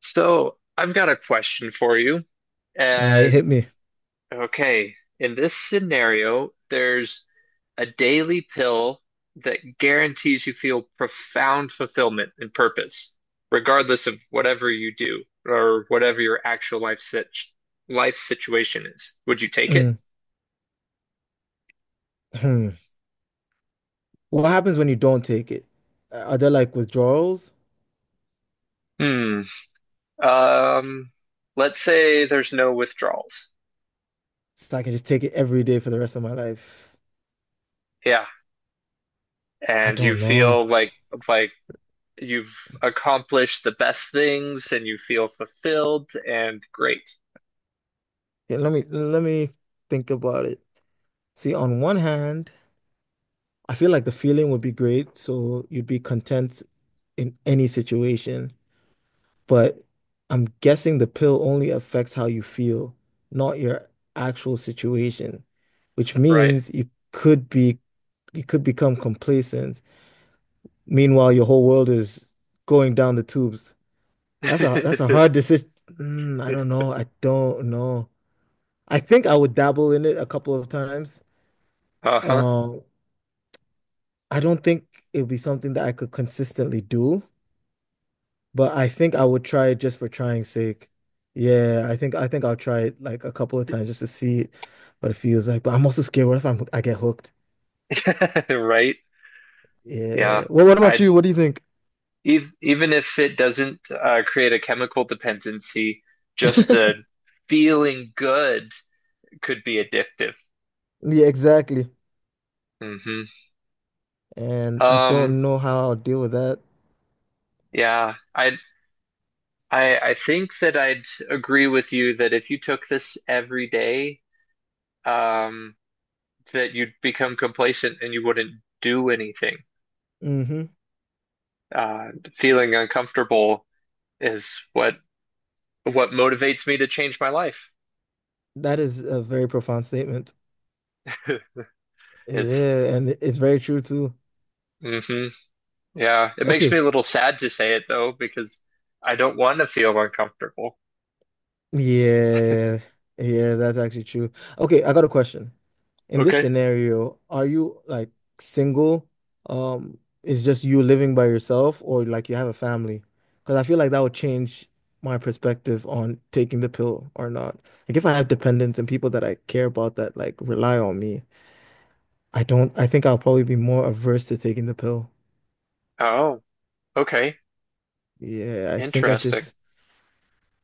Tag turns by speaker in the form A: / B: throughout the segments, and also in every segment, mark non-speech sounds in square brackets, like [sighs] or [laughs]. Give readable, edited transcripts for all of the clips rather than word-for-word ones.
A: So I've got a question for you.
B: All right,
A: And
B: hit me.
A: okay, in this scenario, there's a daily pill that guarantees you feel profound fulfillment and purpose, regardless of whatever you do or whatever your actual life situation is. Would you take it?
B: Mm, hmm. What happens when you don't take it? Are there like withdrawals?
A: Hmm. Um, let's say there's no withdrawals.
B: So I can just take it every day for the rest of my life.
A: Yeah.
B: I
A: And you
B: don't know.
A: feel like like you've accomplished the best things and you feel fulfilled and great,
B: Yeah, let me think about it. See, on one hand, I feel like the feeling would be great, so you'd be content in any situation. But I'm guessing the pill only affects how you feel, not your actual situation, which
A: right?
B: means you could become complacent. Meanwhile, your whole world is going down the tubes. That's a
A: [laughs]
B: hard decision. I don't know. I don't know. I think I would dabble in it a couple of times.
A: Uh-huh.
B: Um, I don't think it would be something that I could consistently do, but I think I would try it just for trying sake. Yeah, I think I'll try it like a couple of times just to see what it feels like. But I'm also scared. What if I get hooked?
A: [laughs] Right? Yeah.
B: Yeah. Well, what about
A: I'd
B: you? What do you think?
A: ev Even if it doesn't create a chemical dependency, just the
B: [laughs]
A: feeling good could be addictive.
B: Yeah, exactly.
A: hmm
B: And I
A: Um,
B: don't know how I'll deal with that.
A: yeah. I I think that I'd agree with you that if you took this every day, um, that you'd become complacent and you wouldn't do anything.
B: hmm
A: Feeling uncomfortable is what motivates me to change my life.
B: That is a very profound statement.
A: [laughs] It's
B: Yeah, and it's very true too.
A: hmm Yeah, it makes me
B: Okay.
A: a little sad to say it though because I don't want to feel uncomfortable.
B: Yeah. Yeah, that's actually true. Okay, I got a question. In this
A: Okay.
B: scenario, are you like single? Is just you living by yourself or like you have a family? Because I feel like that would change my perspective on taking the pill or not. Like if I have dependents and people that I care about that like rely on me, I don't I think I'll probably be more averse to taking the pill.
A: Oh, okay.
B: Yeah, I think I
A: Interesting.
B: just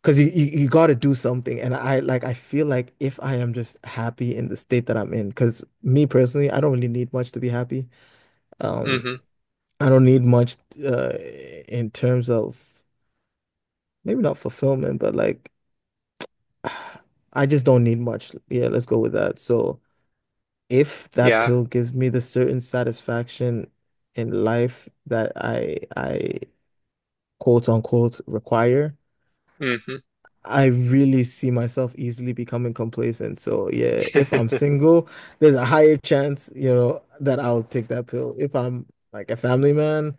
B: Because you got to do something. And I like, I feel like if I am just happy in the state that I'm in, because me personally, I don't really need much to be happy. Um,
A: Hmm
B: I don't need much uh, in terms of maybe not fulfillment, but like, [sighs] I just don't need much. Yeah, let's go with that. So if that
A: Yeah.
B: pill gives me the certain satisfaction in life that I quote unquote require,
A: hmm
B: I really see myself easily becoming complacent. So yeah, if I'm
A: [laughs]
B: single, there's a higher chance, you know, that I'll take that pill. If I'm like a family man,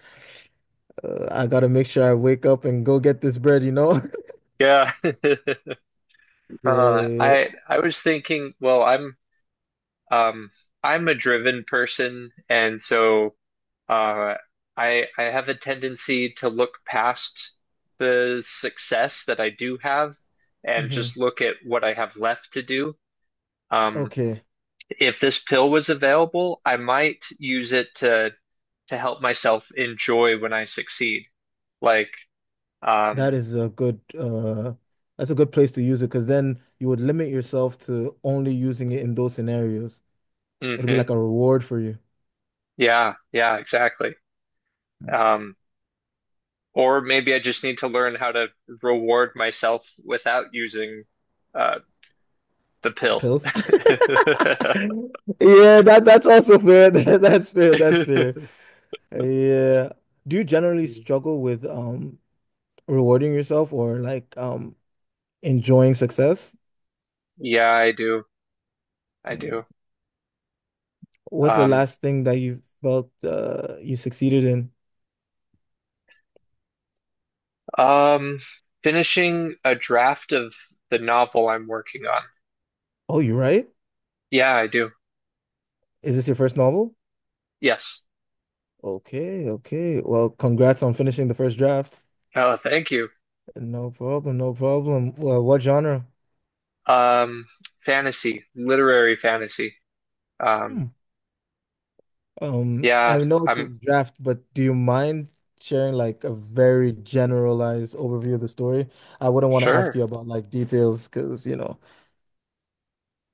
B: I gotta make sure I wake up and go get this bread, you know? [laughs]
A: Yeah. [laughs]
B: Yeah.
A: I was thinking, well, um I'm a driven person, and so Uh, I have a tendency to look past the success that I do have and just
B: hmm
A: look at what I have left to do. Um,
B: Okay.
A: if this pill was available, I might use it to help myself enjoy when I succeed. Like,
B: That
A: um,
B: is a good, that's a good place to use it because then you would limit yourself to only using it in those scenarios. It'll be
A: hmm
B: like a reward for you.
A: yeah, yeah, exactly. Um, or maybe I just need to learn how to reward myself without using uh, the pill.
B: Pills. [laughs] Yeah, that's also fair. [laughs] That, that's fair. That's fair. Yeah. Do you generally
A: [laughs]
B: struggle with rewarding yourself or like enjoying success?
A: Yeah, I do. I
B: Mm.
A: do.
B: What's the
A: Um,
B: last thing that you felt you succeeded in?
A: um, Finishing a draft of the novel I'm working on.
B: Oh, you write.
A: Yeah, I do.
B: Is this your first novel?
A: Yes.
B: Okay, okay. Well, congrats on finishing the first draft.
A: Oh, thank you.
B: No problem, no problem. Well, what genre?
A: Um, Fantasy, literary fantasy.
B: Hmm.
A: Um,
B: I
A: yeah,
B: know it's a
A: I'm
B: draft, but do you mind sharing like a very generalized overview of the story? I wouldn't want to ask
A: sure.
B: you about like details because, you know.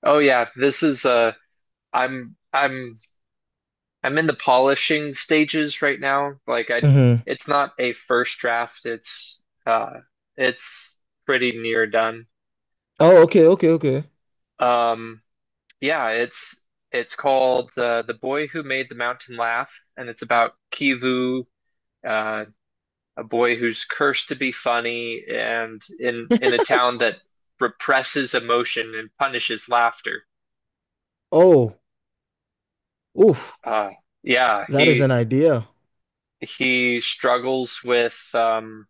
A: Oh yeah, this is I'm I'm I'm in the polishing stages right now. Like I
B: Mhm.
A: It's not a first draft, uh it's pretty near done.
B: Oh, okay, okay, okay.
A: Um Yeah, it's called The Boy Who Made the Mountain Laugh, and it's about Kivu, uh, a boy who's cursed to be funny, and in a town that represses emotion and punishes laughter.
B: Oh, oof,
A: Uh, yeah,
B: that is an idea.
A: he struggles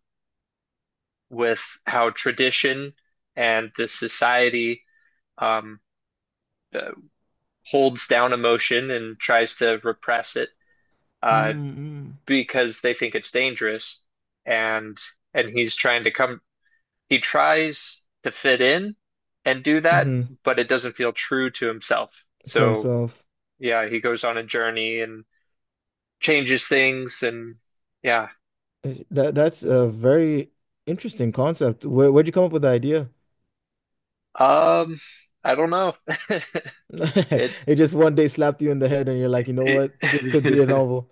A: with how tradition and the society um, uh, holds down emotion and tries to repress it. Uh,
B: Mm-hmm.
A: because they think it's dangerous and and he tries to fit in and do that,
B: Hmm.
A: but it doesn't feel true to himself.
B: To
A: So
B: himself.
A: yeah, he goes on a journey and changes things, and yeah.
B: That that's a very interesting concept. Where'd you come up with the idea?
A: Um I don't know. [laughs] It's
B: [laughs] It just one day slapped you in the head and you're like, you know
A: it,
B: what? This could be a
A: [laughs]
B: novel.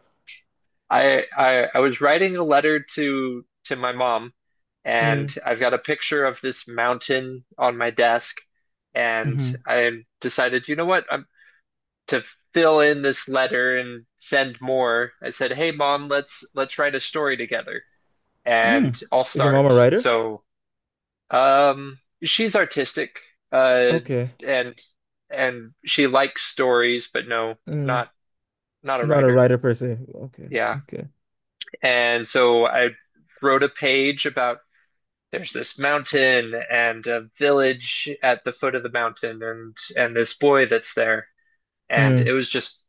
A: I was writing a letter to my mom, and
B: Mm.
A: I've got a picture of this mountain on my desk, and
B: Mm-hmm.
A: I decided, you know what? I'm to Fill in this letter and send more. I said, "Hey mom, let's write a story together." And
B: Mm.
A: I'll
B: Is your mom
A: start.
B: a writer?
A: So, um she's artistic, uh
B: Okay.
A: and and she likes stories, but no,
B: Mm.
A: not not a
B: Not a
A: writer.
B: writer per se. Okay.
A: Yeah.
B: Okay.
A: And so I wrote a page about there's this mountain and a village at the foot of the mountain, and this boy that's there. And
B: Mm.
A: it was just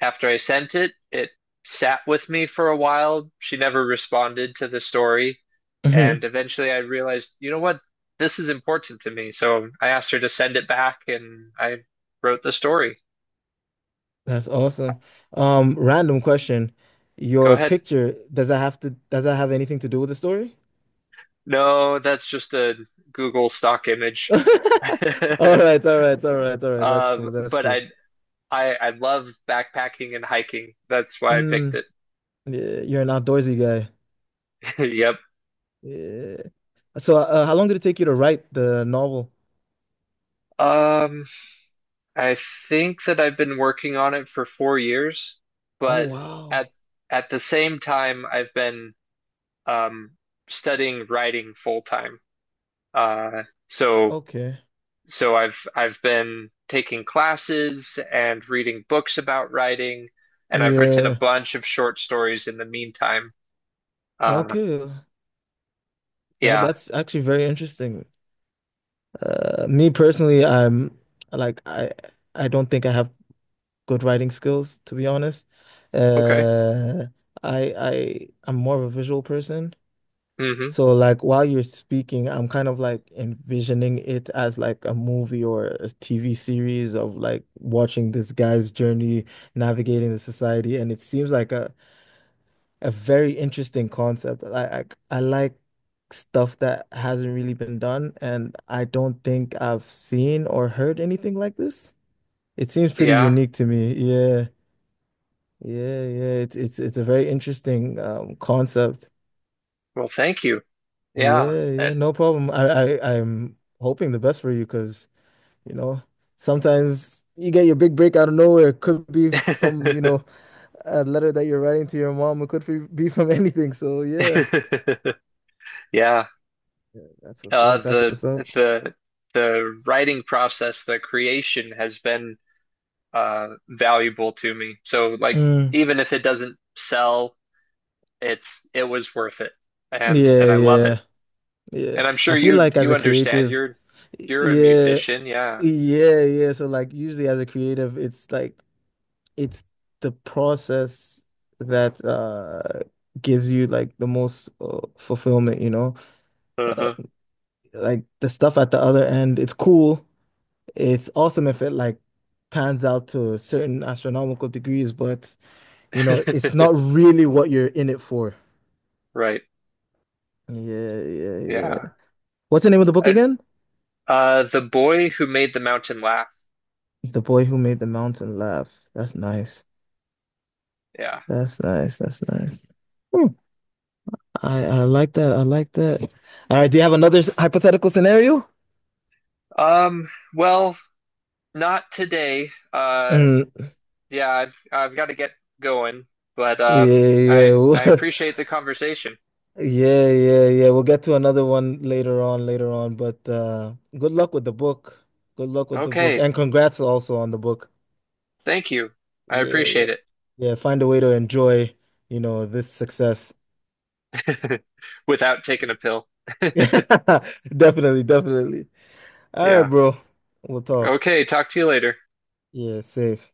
A: after I sent it, it sat with me for a while. She never responded to the story. And
B: Mhm.
A: eventually I realized, you know what? This is important to me. So I asked her to send it back, and I wrote the story.
B: That's awesome. Random question.
A: Go
B: Your
A: ahead.
B: picture, does that have anything to do with the story?
A: No, that's just a Google stock image.
B: [laughs] All
A: [laughs]
B: right, all right, all right, all right. That's cool. That's
A: But
B: cool.
A: I, I love backpacking and hiking. That's why I picked
B: Mm,
A: it.
B: yeah, you're an outdoorsy guy.
A: [laughs] Yep.
B: Yeah. So, how long did it take you to write the novel?
A: Um, I think that I've been working on it for four years,
B: Oh,
A: but
B: wow.
A: at at the same time, I've been um, studying writing full time. Uh, so
B: Okay.
A: I've been taking classes and reading books about writing, and I've written a
B: Yeah.
A: bunch of short stories in the meantime. Uh,
B: Okay. That
A: yeah.
B: that's actually very interesting. Me personally, like I I don't think I have good writing skills, to be honest.
A: Okay.
B: Uh, I'm more of a visual person.
A: hmm
B: So like while you're speaking, I'm kind of like envisioning it as like a movie or a TV series of like watching this guy's journey navigating the society, and it seems like a very interesting concept. I like stuff that hasn't really been done, and I don't think I've seen or heard anything like this. It seems pretty
A: Yeah.
B: unique to me. Yeah, yeah, yeah. It's a very interesting concept.
A: Well, thank you. Yeah.
B: Yeah, yeah,
A: That-
B: no problem. I'm hoping the best for you because, you know, sometimes you get your big break out of nowhere. It could be from, you know, a letter that you're writing to your mom. It could be from [laughs] anything. So yeah,
A: [laughs] Yeah.
B: yeah, that's what's
A: Uh,
B: up. That's
A: the
B: what's up.
A: the the writing process, the creation has been valuable to me. So like
B: Mm,
A: even if it doesn't sell, it was worth it.
B: yeah,
A: And I love it.
B: yeah, yeah.
A: And I'm sure
B: I feel like as
A: you
B: a
A: understand
B: creative,
A: you're a
B: yeah,
A: musician, yeah.
B: yeah, yeah. So like usually as a creative, it's like it's the process that gives you like the most fulfillment, you know? Uh,
A: Uh-huh.
B: Like the stuff at the other end, it's cool. It's awesome if it like pans out to certain astronomical degrees, but you know, it's not
A: [laughs]
B: really what you're in it for.
A: Right.
B: Yeah, yeah, yeah.
A: Yeah.
B: What's the name of the book
A: And,
B: again?
A: The Boy Who Made the Mountain Laugh.
B: The Boy Who Made the Mountain Laugh. That's nice.
A: Yeah.
B: That's nice. That's nice. Hmm. I like that. I like that. All right. Do you have another hypothetical scenario?
A: Um, well, not today.
B: Mm,
A: Yeah, I've got to get going, but
B: yeah,
A: I
B: yeah. [laughs]
A: appreciate the conversation.
B: Yeah, yeah, yeah. We'll get to another one later on, later on. But good luck with the book. Good luck with the book.
A: Okay,
B: And congrats also on the book.
A: thank you. I
B: Yeah, yeah.
A: appreciate
B: Yeah, find a way to enjoy, you know, this success.
A: it. [laughs] Without taking a pill. [laughs]
B: [laughs] Definitely, definitely. All right,
A: Yeah.
B: bro. We'll talk.
A: Okay, talk to you later.
B: Yeah, safe.